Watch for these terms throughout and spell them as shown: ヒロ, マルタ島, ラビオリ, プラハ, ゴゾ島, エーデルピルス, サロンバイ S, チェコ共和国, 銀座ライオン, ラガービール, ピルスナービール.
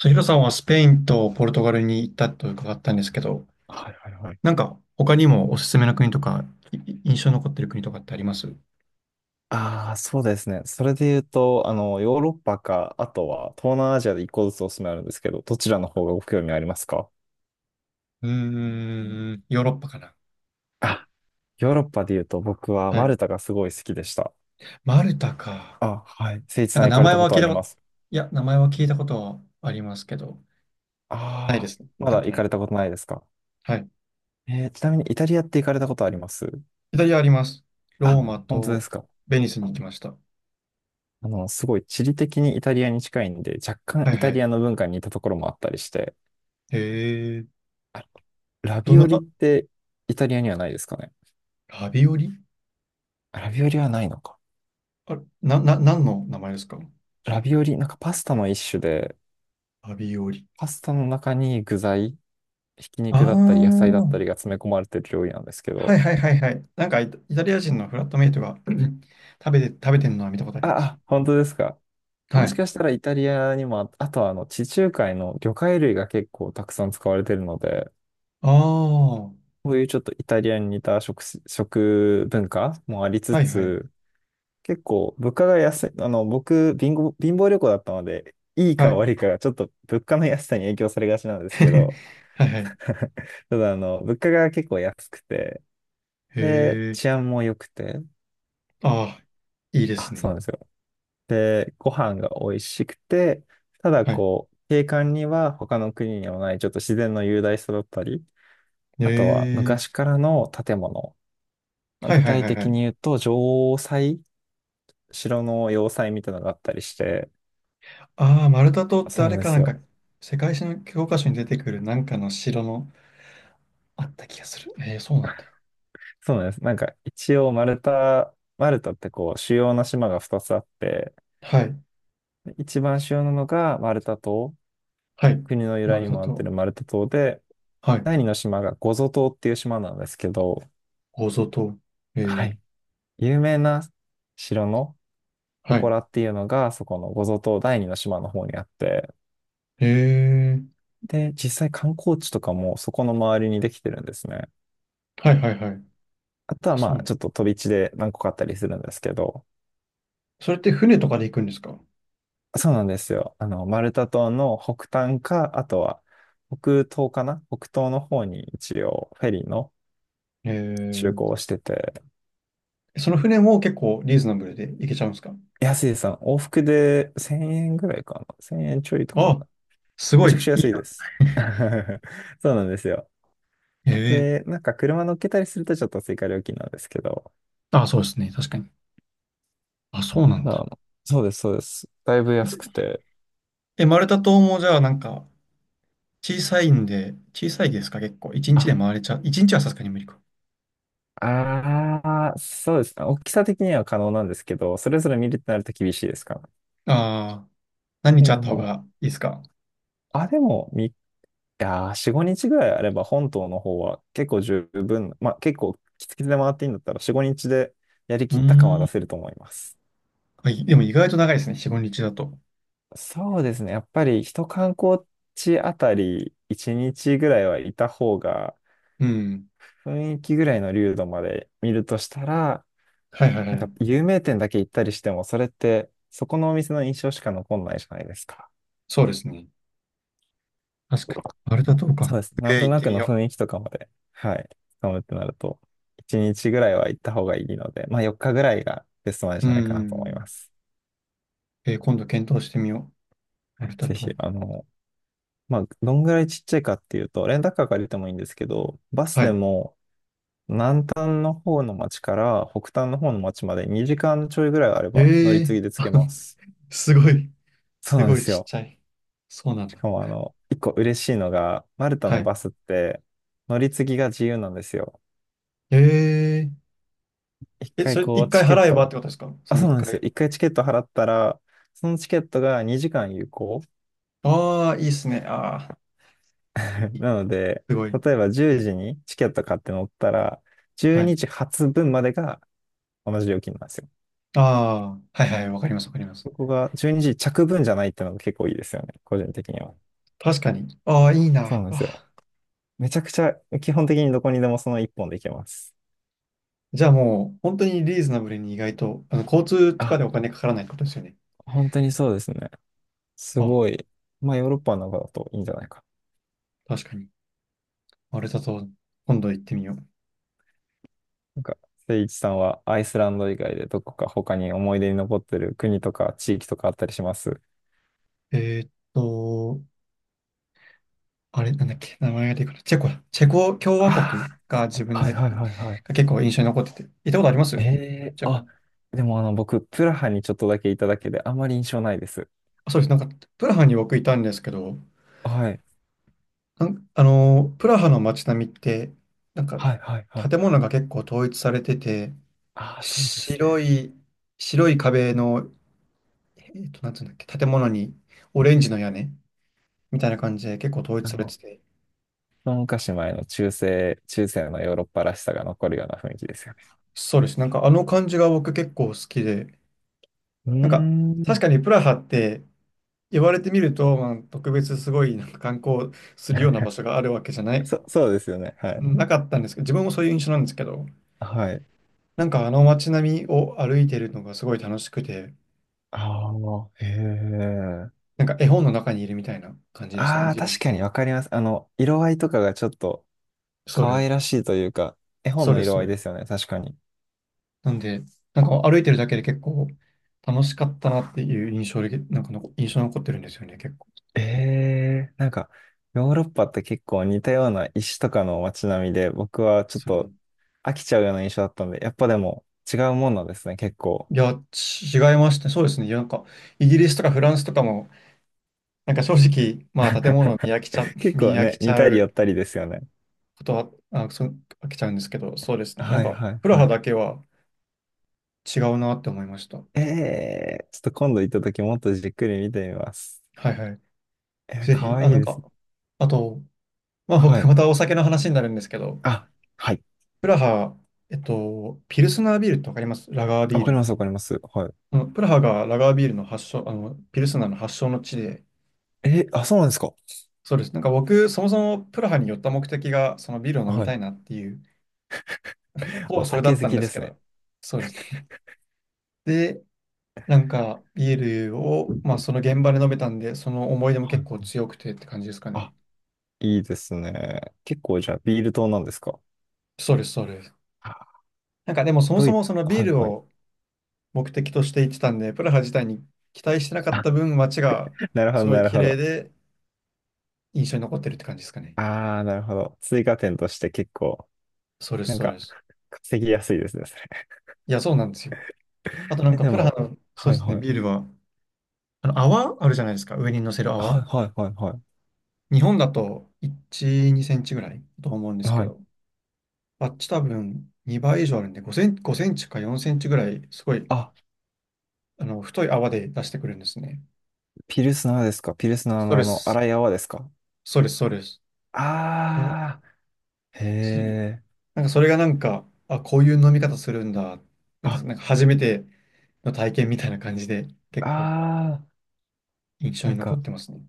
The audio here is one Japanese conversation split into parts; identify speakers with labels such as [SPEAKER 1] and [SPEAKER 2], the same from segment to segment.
[SPEAKER 1] ヒロさんはスペインとポルトガルに行ったと伺ったんですけど、
[SPEAKER 2] はいはいはい。
[SPEAKER 1] なんか他にもおすすめの国とか、い印象に残ってる国とかってありますう？
[SPEAKER 2] ああ、そうですね。それで言うと、ヨーロッパか、あとは東南アジアで一個ずつおすすめあるんですけど、どちらの方がご興味ありますか？
[SPEAKER 1] ヨーロッパかな。
[SPEAKER 2] あ、ヨーロッパで言うと僕は
[SPEAKER 1] は
[SPEAKER 2] マ
[SPEAKER 1] い。
[SPEAKER 2] ルタがすごい好きでした。
[SPEAKER 1] マルタか。
[SPEAKER 2] あ、はい。誠一
[SPEAKER 1] なん
[SPEAKER 2] さん
[SPEAKER 1] か
[SPEAKER 2] 行
[SPEAKER 1] 名
[SPEAKER 2] かれ
[SPEAKER 1] 前
[SPEAKER 2] たこ
[SPEAKER 1] は
[SPEAKER 2] と
[SPEAKER 1] 聞
[SPEAKER 2] あ
[SPEAKER 1] いた
[SPEAKER 2] り
[SPEAKER 1] こ
[SPEAKER 2] ま
[SPEAKER 1] と、
[SPEAKER 2] す？
[SPEAKER 1] いや、名前は聞いたことはありますけど、ないで
[SPEAKER 2] ああ、
[SPEAKER 1] すね。行っ
[SPEAKER 2] ま
[SPEAKER 1] た
[SPEAKER 2] だ
[SPEAKER 1] こと
[SPEAKER 2] 行
[SPEAKER 1] な
[SPEAKER 2] か
[SPEAKER 1] い。
[SPEAKER 2] れたことないですか？
[SPEAKER 1] はい。
[SPEAKER 2] ちなみにイタリアって行かれたことあります？
[SPEAKER 1] イタリアあります。ロー
[SPEAKER 2] あ、
[SPEAKER 1] マ
[SPEAKER 2] 本当で
[SPEAKER 1] と
[SPEAKER 2] すか？
[SPEAKER 1] ベニスに行きました。は
[SPEAKER 2] すごい地理的にイタリアに近いんで、若干
[SPEAKER 1] い
[SPEAKER 2] イ
[SPEAKER 1] は
[SPEAKER 2] タリ
[SPEAKER 1] い。
[SPEAKER 2] アの文化に似たところもあったりして、
[SPEAKER 1] へえ、
[SPEAKER 2] あ、ラ
[SPEAKER 1] どん
[SPEAKER 2] ビ
[SPEAKER 1] な
[SPEAKER 2] オリっ
[SPEAKER 1] か、
[SPEAKER 2] てイタリアにはないですかね？
[SPEAKER 1] ラビオリ。
[SPEAKER 2] ラビオリはないのか。
[SPEAKER 1] あ、何の名前ですか？そ
[SPEAKER 2] ラ
[SPEAKER 1] う、
[SPEAKER 2] ビオリ、なんかパスタの一種で、
[SPEAKER 1] ラビオリ。
[SPEAKER 2] パスタの中に具材、ひき
[SPEAKER 1] あ
[SPEAKER 2] 肉だったり野菜だっ
[SPEAKER 1] あ。
[SPEAKER 2] たりが詰め込まれてる料理なんですけ
[SPEAKER 1] は
[SPEAKER 2] ど。
[SPEAKER 1] いはいはいはい。なんかイタリア人のフラットメイトが 食べてるのは見たことあります。
[SPEAKER 2] あ、あ、本当ですか。
[SPEAKER 1] は
[SPEAKER 2] もし
[SPEAKER 1] い。
[SPEAKER 2] かしたらイタリアにもあ、あとはあの地中海の魚介類が結構たくさん使われてるので、
[SPEAKER 1] ああ、は
[SPEAKER 2] こういうちょっとイタリアに似た食文化もありつ
[SPEAKER 1] いはい。
[SPEAKER 2] つ、結構物価が安い、僕、貧乏旅行だったので、いい
[SPEAKER 1] は
[SPEAKER 2] か
[SPEAKER 1] い。
[SPEAKER 2] 悪いかがちょっと物価の安さに影響されがちなん ですけど、
[SPEAKER 1] はいはい。
[SPEAKER 2] ただ、物価が結構安くて、で、
[SPEAKER 1] へ
[SPEAKER 2] 治
[SPEAKER 1] え。
[SPEAKER 2] 安も良くて、
[SPEAKER 1] ああ、いいで
[SPEAKER 2] あ、
[SPEAKER 1] す
[SPEAKER 2] そう
[SPEAKER 1] ね。
[SPEAKER 2] なんですよ。で、ご飯が美味しくて、ただ、
[SPEAKER 1] はい。
[SPEAKER 2] こう、景観には他の国にはない、ちょっと自然の雄大さだったり、
[SPEAKER 1] へ
[SPEAKER 2] あとは
[SPEAKER 1] え。
[SPEAKER 2] 昔からの建物。まあ
[SPEAKER 1] は
[SPEAKER 2] 具
[SPEAKER 1] いはい
[SPEAKER 2] 体
[SPEAKER 1] はいは
[SPEAKER 2] 的
[SPEAKER 1] い。
[SPEAKER 2] に言うと、城塞、城の要塞みたいなのがあったりして、
[SPEAKER 1] ああ、マルタ島って
[SPEAKER 2] そ
[SPEAKER 1] あ
[SPEAKER 2] うなん
[SPEAKER 1] れ
[SPEAKER 2] で
[SPEAKER 1] かな
[SPEAKER 2] す
[SPEAKER 1] んか、
[SPEAKER 2] よ。
[SPEAKER 1] 世界史の教科書に出てくるなんかの城のあった気がする。ええ、そうなんだ。
[SPEAKER 2] そうなんです。なんか、一応、マルタってこう、主要な島が2つあって、
[SPEAKER 1] はい。
[SPEAKER 2] 一番主要なのがマルタ島。
[SPEAKER 1] はい。
[SPEAKER 2] 国の由
[SPEAKER 1] マ
[SPEAKER 2] 来
[SPEAKER 1] ル
[SPEAKER 2] に
[SPEAKER 1] タ
[SPEAKER 2] もなって
[SPEAKER 1] 島。
[SPEAKER 2] るマルタ島で、
[SPEAKER 1] はい。
[SPEAKER 2] 第二の島がゴゾ島っていう島なんですけど、
[SPEAKER 1] ゴゾ島。え
[SPEAKER 2] はい。
[SPEAKER 1] え。
[SPEAKER 2] 有名な城の
[SPEAKER 1] はい。
[SPEAKER 2] 祠っていうのが、そこのゴゾ島第二の島の方にあって、
[SPEAKER 1] へえ。
[SPEAKER 2] で、実際観光地とかもそこの周りにできてるんですね。
[SPEAKER 1] はいはいはい。
[SPEAKER 2] あとは
[SPEAKER 1] あ、そう
[SPEAKER 2] ま
[SPEAKER 1] な
[SPEAKER 2] あ、
[SPEAKER 1] んだ。
[SPEAKER 2] ちょっと飛び地で何個かあったりするんですけど、
[SPEAKER 1] それって船とかで行くんですか？
[SPEAKER 2] そうなんですよ。マルタ島の北端か、あとは北東かな北東の方に一応フェリーの
[SPEAKER 1] え
[SPEAKER 2] 就
[SPEAKER 1] ー、
[SPEAKER 2] 航をしてて、
[SPEAKER 1] その船も結構リーズナブルで行けちゃうんですか？
[SPEAKER 2] 安いです。往復で1000円ぐらいかな。1000円ちょいとか。
[SPEAKER 1] あ、すご
[SPEAKER 2] めち
[SPEAKER 1] い、
[SPEAKER 2] ゃくちゃ
[SPEAKER 1] い
[SPEAKER 2] 安
[SPEAKER 1] い
[SPEAKER 2] いで
[SPEAKER 1] な。
[SPEAKER 2] す。そうなんですよ。
[SPEAKER 1] ええ、
[SPEAKER 2] で、なんか車乗っけたりするとちょっと追加料金なんですけど。
[SPEAKER 1] あ、そうですね、確かに。あ、そうなん
[SPEAKER 2] ただ
[SPEAKER 1] だ。
[SPEAKER 2] そうです、そうです。だいぶ
[SPEAKER 1] い
[SPEAKER 2] 安
[SPEAKER 1] つ
[SPEAKER 2] くて。
[SPEAKER 1] マルタ島もじゃあなんか小さいんで、小さいですか結構。一日
[SPEAKER 2] あ、
[SPEAKER 1] で回れちゃう。一日はさすがに無理か。
[SPEAKER 2] あー、そうですね。大きさ的には可能なんですけど、それぞれ見るってなると厳しいですから。っ
[SPEAKER 1] ああ、何
[SPEAKER 2] てい
[SPEAKER 1] 日
[SPEAKER 2] う
[SPEAKER 1] あっ
[SPEAKER 2] の
[SPEAKER 1] た方
[SPEAKER 2] も、
[SPEAKER 1] がいいですか？
[SPEAKER 2] あ、でも、いやー、4、5日ぐらいあれば本島の方は結構十分、まあ結構きつきつで回っていいんだったら4、5日でやり
[SPEAKER 1] う
[SPEAKER 2] きった感は
[SPEAKER 1] ー
[SPEAKER 2] 出
[SPEAKER 1] ん。
[SPEAKER 2] せると思います。
[SPEAKER 1] あ、でも意外と長いですね、4、5日だと。
[SPEAKER 2] そうですね。やっぱり一観光地あたり1日ぐらいはいた方が
[SPEAKER 1] うん。
[SPEAKER 2] 雰囲気ぐらいの流度まで見るとしたら、
[SPEAKER 1] はいはい
[SPEAKER 2] なん
[SPEAKER 1] は
[SPEAKER 2] か
[SPEAKER 1] い。
[SPEAKER 2] 有名店だけ行ったりしてもそれってそこのお店の印象しか残んないじゃないですか。
[SPEAKER 1] そうですね。確かに。マルタ島
[SPEAKER 2] そ
[SPEAKER 1] か。
[SPEAKER 2] うです。なんと
[SPEAKER 1] 行っ
[SPEAKER 2] な
[SPEAKER 1] て
[SPEAKER 2] く
[SPEAKER 1] み
[SPEAKER 2] の
[SPEAKER 1] よ
[SPEAKER 2] 雰囲気とかまで、はい、つかむってなると1日ぐらいは行った方がいいので、まあ4日ぐらいがベストなん
[SPEAKER 1] う。う
[SPEAKER 2] じゃないかなと思いま
[SPEAKER 1] ん。
[SPEAKER 2] す。
[SPEAKER 1] 今度検討してみよう。マ
[SPEAKER 2] はい、
[SPEAKER 1] ルタ
[SPEAKER 2] ぜひ、
[SPEAKER 1] 島。
[SPEAKER 2] まあ、どんぐらいちっちゃいかっていうと、レンタカー借りてもいいんですけど、バス
[SPEAKER 1] は
[SPEAKER 2] で
[SPEAKER 1] い。
[SPEAKER 2] も南端の方の町から北端の方の町まで2時間ちょいぐらいあれば乗
[SPEAKER 1] え
[SPEAKER 2] り継
[SPEAKER 1] え、
[SPEAKER 2] ぎで着け
[SPEAKER 1] あ、
[SPEAKER 2] ます。
[SPEAKER 1] すごい。
[SPEAKER 2] そう
[SPEAKER 1] す
[SPEAKER 2] なん
[SPEAKER 1] ご
[SPEAKER 2] で
[SPEAKER 1] い
[SPEAKER 2] す
[SPEAKER 1] ちっ
[SPEAKER 2] よ。
[SPEAKER 1] ちゃい。そうなん
[SPEAKER 2] し
[SPEAKER 1] だ。
[SPEAKER 2] かも一個嬉しいのが、マルタ
[SPEAKER 1] は
[SPEAKER 2] の
[SPEAKER 1] い。
[SPEAKER 2] バスって乗り継ぎが自由なんですよ。
[SPEAKER 1] え
[SPEAKER 2] 一
[SPEAKER 1] ええ、
[SPEAKER 2] 回
[SPEAKER 1] それ
[SPEAKER 2] こ
[SPEAKER 1] 一
[SPEAKER 2] う
[SPEAKER 1] 回
[SPEAKER 2] チケッ
[SPEAKER 1] 払えばっ
[SPEAKER 2] ト、
[SPEAKER 1] てことですか？
[SPEAKER 2] あ、
[SPEAKER 1] その
[SPEAKER 2] そう
[SPEAKER 1] 一
[SPEAKER 2] なんですよ。
[SPEAKER 1] 回。
[SPEAKER 2] 一回チケット払ったら、そのチケットが2時間有効。
[SPEAKER 1] ああ、いいっすね。ああ、
[SPEAKER 2] なので、
[SPEAKER 1] すごい。
[SPEAKER 2] 例えば10時にチケット買って乗ったら、12
[SPEAKER 1] はい。
[SPEAKER 2] 時発分までが同じ料金なんですよ。
[SPEAKER 1] ああ、はいはい。わかります、わかります。
[SPEAKER 2] ここが12時着分じゃないっていうのが結構いいですよね。個人的には。
[SPEAKER 1] 確かに。ああ、いい
[SPEAKER 2] そう
[SPEAKER 1] な。あ
[SPEAKER 2] なんですよ。
[SPEAKER 1] あ、
[SPEAKER 2] めちゃくちゃ基本的にどこにでもその一本で行けます。
[SPEAKER 1] じゃあもう、本当にリーズナブルに意外と、交通とか
[SPEAKER 2] あ、
[SPEAKER 1] でお金かからないってことですよね。
[SPEAKER 2] 本当にそうですね。す
[SPEAKER 1] ああ、
[SPEAKER 2] ごい。まあヨーロッパの中だといいんじゃないか。
[SPEAKER 1] 確かに。マルタ島、今度行ってみよう。
[SPEAKER 2] なんか、誠一さんはアイスランド以外でどこか他に思い出に残ってる国とか地域とかあったりします？
[SPEAKER 1] えーっと、あれ、なんだっけ、名前が出てくる。チェコだ。チェコ共和国
[SPEAKER 2] あ
[SPEAKER 1] が自
[SPEAKER 2] あ
[SPEAKER 1] 分
[SPEAKER 2] ー、はい
[SPEAKER 1] で、
[SPEAKER 2] はいはいはい。
[SPEAKER 1] が結構印象に残ってて。行ったことあります？
[SPEAKER 2] ええ、
[SPEAKER 1] チェ
[SPEAKER 2] あ、
[SPEAKER 1] コ。
[SPEAKER 2] でも僕、プラハにちょっとだけいただけであまり印象ないです。
[SPEAKER 1] あ、そうです。なんか、プラハに僕いたんですけど、
[SPEAKER 2] はい。
[SPEAKER 1] なんあのー、プラハの街並みって、なんか、
[SPEAKER 2] はいはいはい
[SPEAKER 1] 建
[SPEAKER 2] はい。
[SPEAKER 1] 物が結構統一されてて、
[SPEAKER 2] ああ、そうです
[SPEAKER 1] 白
[SPEAKER 2] ね。
[SPEAKER 1] い、白い壁の、えっと、なんつうんだっけ、建物にオレンジの屋根みたいな感じで結構統一
[SPEAKER 2] あ
[SPEAKER 1] され
[SPEAKER 2] の、
[SPEAKER 1] てて、
[SPEAKER 2] 一昔前の中世のヨーロッパらしさが残るような雰囲気ですよね？
[SPEAKER 1] そうです。なんか、あの感じが僕結構好きで、
[SPEAKER 2] うー
[SPEAKER 1] なんか、確
[SPEAKER 2] ん。
[SPEAKER 1] かにプラハって、言われてみると、まあ、特別すごいなんか観光するような場 所があるわけじゃない、
[SPEAKER 2] そうですよね。はい。
[SPEAKER 1] なかったんですけど、自分もそういう印象なんですけど、
[SPEAKER 2] はい。
[SPEAKER 1] なんかあの街並みを歩いてるのがすごい楽しくて、
[SPEAKER 2] ああ、へえ。
[SPEAKER 1] なんか絵本の中にいるみたいな感じでしたね、
[SPEAKER 2] ああ、
[SPEAKER 1] 自
[SPEAKER 2] 確
[SPEAKER 1] 分。
[SPEAKER 2] かにわかります。色合いとかがちょっと
[SPEAKER 1] そ
[SPEAKER 2] 可
[SPEAKER 1] れ、
[SPEAKER 2] 愛らしいというか、絵本
[SPEAKER 1] そ
[SPEAKER 2] の
[SPEAKER 1] れ、そ
[SPEAKER 2] 色合いで
[SPEAKER 1] れ。
[SPEAKER 2] すよね。確かに。
[SPEAKER 1] なんで、なんか歩いてるだけで結構楽しかったなっていう印象で、なんかの印象に残ってるんですよね、結構。
[SPEAKER 2] ええ、なんか、ヨーロッパって結構似たような石とかの街並みで、僕はちょっ
[SPEAKER 1] そう、
[SPEAKER 2] と飽きちゃうような印象だったんで、やっぱでも違うもんなんですね、結構。
[SPEAKER 1] いや、違いましたね。そうですね。いやなんか、イギリスとかフランスとかも、なんか正直、まあ建物を見飽きちゃ、
[SPEAKER 2] 結
[SPEAKER 1] 見
[SPEAKER 2] 構
[SPEAKER 1] 飽き
[SPEAKER 2] ね、
[SPEAKER 1] ち
[SPEAKER 2] 似
[SPEAKER 1] ゃ
[SPEAKER 2] たり寄
[SPEAKER 1] う
[SPEAKER 2] ったりですよね。
[SPEAKER 1] ことは、あ、そう、飽きちゃうんですけど、そうですね。なん
[SPEAKER 2] はい
[SPEAKER 1] か、
[SPEAKER 2] はい
[SPEAKER 1] プラハ
[SPEAKER 2] はい。
[SPEAKER 1] だけは違うなって思いました。
[SPEAKER 2] ええ、ちょっと今度行った時もっとじっくり見てみます。
[SPEAKER 1] はいはい。ぜ
[SPEAKER 2] か
[SPEAKER 1] ひ、
[SPEAKER 2] わ
[SPEAKER 1] あ、
[SPEAKER 2] いい
[SPEAKER 1] なん
[SPEAKER 2] です
[SPEAKER 1] か、
[SPEAKER 2] ね。
[SPEAKER 1] あと、まあ
[SPEAKER 2] は
[SPEAKER 1] 僕、
[SPEAKER 2] い。
[SPEAKER 1] またお酒の話になるんですけど、
[SPEAKER 2] あ、はい。
[SPEAKER 1] プラハ、ピルスナービールってわかります？ラガービ
[SPEAKER 2] わ
[SPEAKER 1] ー
[SPEAKER 2] かります、
[SPEAKER 1] ル。
[SPEAKER 2] わかります。はい。
[SPEAKER 1] あのプラハがラガービールの発祥、あの、ピルスナーの発祥の地で、
[SPEAKER 2] あ、そうなんですか？
[SPEAKER 1] そうです。なんか僕、そもそもプラハに寄った目的が、そのビールを飲み
[SPEAKER 2] は
[SPEAKER 1] た
[SPEAKER 2] い。
[SPEAKER 1] いなっていう、ほぼ
[SPEAKER 2] お
[SPEAKER 1] それだ
[SPEAKER 2] 酒
[SPEAKER 1] っ
[SPEAKER 2] 好
[SPEAKER 1] たん
[SPEAKER 2] き
[SPEAKER 1] で
[SPEAKER 2] で
[SPEAKER 1] すけ
[SPEAKER 2] すね。
[SPEAKER 1] ど、そうです。で、なんか、ビールを、まあ、その現場で飲めたんで、その思い出も
[SPEAKER 2] は
[SPEAKER 1] 結
[SPEAKER 2] い
[SPEAKER 1] 構
[SPEAKER 2] はい。
[SPEAKER 1] 強くてって感じですか
[SPEAKER 2] あ、
[SPEAKER 1] ね。
[SPEAKER 2] いいですね。結構じゃあ、ビール党なんですか？
[SPEAKER 1] そうです、そうです。
[SPEAKER 2] あ、
[SPEAKER 1] なんか、でもそも
[SPEAKER 2] ド
[SPEAKER 1] そ
[SPEAKER 2] イ、
[SPEAKER 1] もそのビ
[SPEAKER 2] は
[SPEAKER 1] ー
[SPEAKER 2] い
[SPEAKER 1] ル
[SPEAKER 2] はい。
[SPEAKER 1] を目的として行ってたんで、プラハ自体に期待してなかっ
[SPEAKER 2] あ、
[SPEAKER 1] た分、街が
[SPEAKER 2] なるほ
[SPEAKER 1] す
[SPEAKER 2] ど、
[SPEAKER 1] ごい
[SPEAKER 2] なる
[SPEAKER 1] 綺
[SPEAKER 2] ほ
[SPEAKER 1] 麗
[SPEAKER 2] ど。
[SPEAKER 1] で印象に残ってるって感じですかね。
[SPEAKER 2] ああ、なるほど。追加点として結構、
[SPEAKER 1] そうです、
[SPEAKER 2] なん
[SPEAKER 1] そう
[SPEAKER 2] か、
[SPEAKER 1] です。
[SPEAKER 2] 稼ぎやすいですね、それ。
[SPEAKER 1] いや、そうなんですよ。あとなん
[SPEAKER 2] え、
[SPEAKER 1] か、
[SPEAKER 2] で
[SPEAKER 1] プラハ
[SPEAKER 2] も、
[SPEAKER 1] の、そう
[SPEAKER 2] は
[SPEAKER 1] で
[SPEAKER 2] い
[SPEAKER 1] すね、
[SPEAKER 2] はい。
[SPEAKER 1] ビールは、あの、泡あるじゃないですか、上に乗せる
[SPEAKER 2] はい
[SPEAKER 1] 泡。
[SPEAKER 2] はいはいは
[SPEAKER 1] 日本だと1、2センチぐらいだと思うんで
[SPEAKER 2] い。
[SPEAKER 1] すけ
[SPEAKER 2] はい。
[SPEAKER 1] ど、あっち多分2倍以上あるんで、5センチ、5センチか4センチぐらい、すごい、
[SPEAKER 2] あ、
[SPEAKER 1] あの、太い泡で出してくるんですね。
[SPEAKER 2] ピルスナーですか？ピルスナー
[SPEAKER 1] そう
[SPEAKER 2] の
[SPEAKER 1] です。
[SPEAKER 2] 荒い泡ですか？
[SPEAKER 1] そうです、そうです。あ、
[SPEAKER 2] あー、へ
[SPEAKER 1] ち、
[SPEAKER 2] え。
[SPEAKER 1] なんかそれがなんか、あ、こういう飲み方するんだ、なんていうんで
[SPEAKER 2] あ、
[SPEAKER 1] すか、なんか初めての体験みたいな感じで、結構
[SPEAKER 2] あ
[SPEAKER 1] 印
[SPEAKER 2] ー、
[SPEAKER 1] 象
[SPEAKER 2] な
[SPEAKER 1] に
[SPEAKER 2] ん
[SPEAKER 1] 残っ
[SPEAKER 2] か、
[SPEAKER 1] てますね。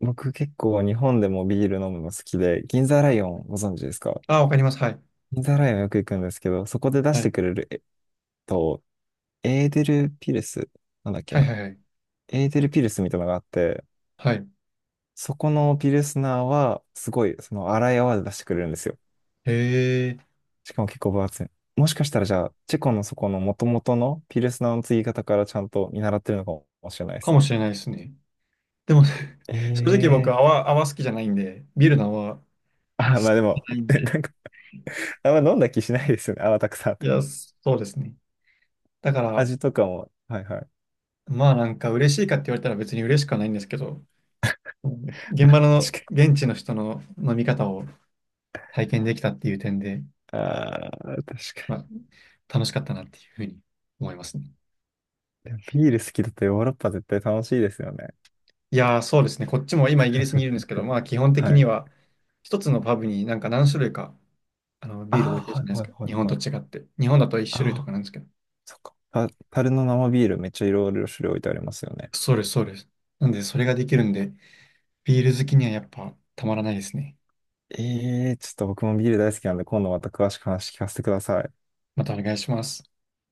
[SPEAKER 2] 僕結構日本でもビール飲むの好きで、銀座ライオンご存知ですか？
[SPEAKER 1] あ、わかります。はい。
[SPEAKER 2] 銀座ライオンよく行くんですけど、そこで出
[SPEAKER 1] は
[SPEAKER 2] して
[SPEAKER 1] い。
[SPEAKER 2] くれる、と、エーデルピルス、なんだっけ
[SPEAKER 1] はい
[SPEAKER 2] な。
[SPEAKER 1] はいはい。
[SPEAKER 2] エーデルピルスみたいなのがあって、
[SPEAKER 1] はい。
[SPEAKER 2] そこのピルスナーは、すごい、その荒い泡で出してくれるんですよ。
[SPEAKER 1] へえ、
[SPEAKER 2] しかも結構分厚い。もしかしたらじゃあ、チェコのそこの元々のピルスナーの継ぎ方からちゃんと見習ってるのかもしれないで
[SPEAKER 1] か
[SPEAKER 2] す
[SPEAKER 1] も
[SPEAKER 2] ね。
[SPEAKER 1] しれないですね。でも、正直
[SPEAKER 2] ええ、
[SPEAKER 1] 泡好きじゃないんで、ビールの泡好
[SPEAKER 2] あ、
[SPEAKER 1] き
[SPEAKER 2] まあで
[SPEAKER 1] じ
[SPEAKER 2] も、
[SPEAKER 1] ゃないん で、
[SPEAKER 2] なんか、あんま飲んだ気しないですよね。泡たくさんあっ
[SPEAKER 1] い
[SPEAKER 2] て
[SPEAKER 1] や、
[SPEAKER 2] も。
[SPEAKER 1] そうですね。だから、
[SPEAKER 2] 味とかも、はいはい。
[SPEAKER 1] まあなんか嬉しいかって言われたら別に嬉しくはないんですけど、うん、現場の
[SPEAKER 2] 確か
[SPEAKER 1] 現地の人の飲み方を体験できたっていう点で、
[SPEAKER 2] に。ああ、確
[SPEAKER 1] ま
[SPEAKER 2] か
[SPEAKER 1] あ楽しかったなっていうふうに思いますね。
[SPEAKER 2] に。でもビール好きだとヨーロッパ絶対楽しいですよね。
[SPEAKER 1] いやー、そうですね。こっちも今イギリスにいるんですけど、まあ基 本的
[SPEAKER 2] は
[SPEAKER 1] に
[SPEAKER 2] い。
[SPEAKER 1] は一つのパブになんか何種類かあのビール
[SPEAKER 2] あ
[SPEAKER 1] 置い
[SPEAKER 2] あ、
[SPEAKER 1] てる
[SPEAKER 2] は
[SPEAKER 1] じゃ
[SPEAKER 2] い
[SPEAKER 1] ないです
[SPEAKER 2] はい
[SPEAKER 1] か。
[SPEAKER 2] は
[SPEAKER 1] 日
[SPEAKER 2] い
[SPEAKER 1] 本
[SPEAKER 2] は
[SPEAKER 1] と
[SPEAKER 2] い。
[SPEAKER 1] 違って。日本だと一種類と
[SPEAKER 2] あ
[SPEAKER 1] か
[SPEAKER 2] あ、
[SPEAKER 1] なんですけど。
[SPEAKER 2] そっか。樽の生ビールめっちゃいろいろ種類置いてありますよね。
[SPEAKER 1] そうです、そうです。なんでそれができるんで、ビール好きにはやっぱたまらないですね。
[SPEAKER 2] ええ、ちょっと僕もビール大好きなんで、今度また詳しく話聞かせてください。
[SPEAKER 1] またお願いします。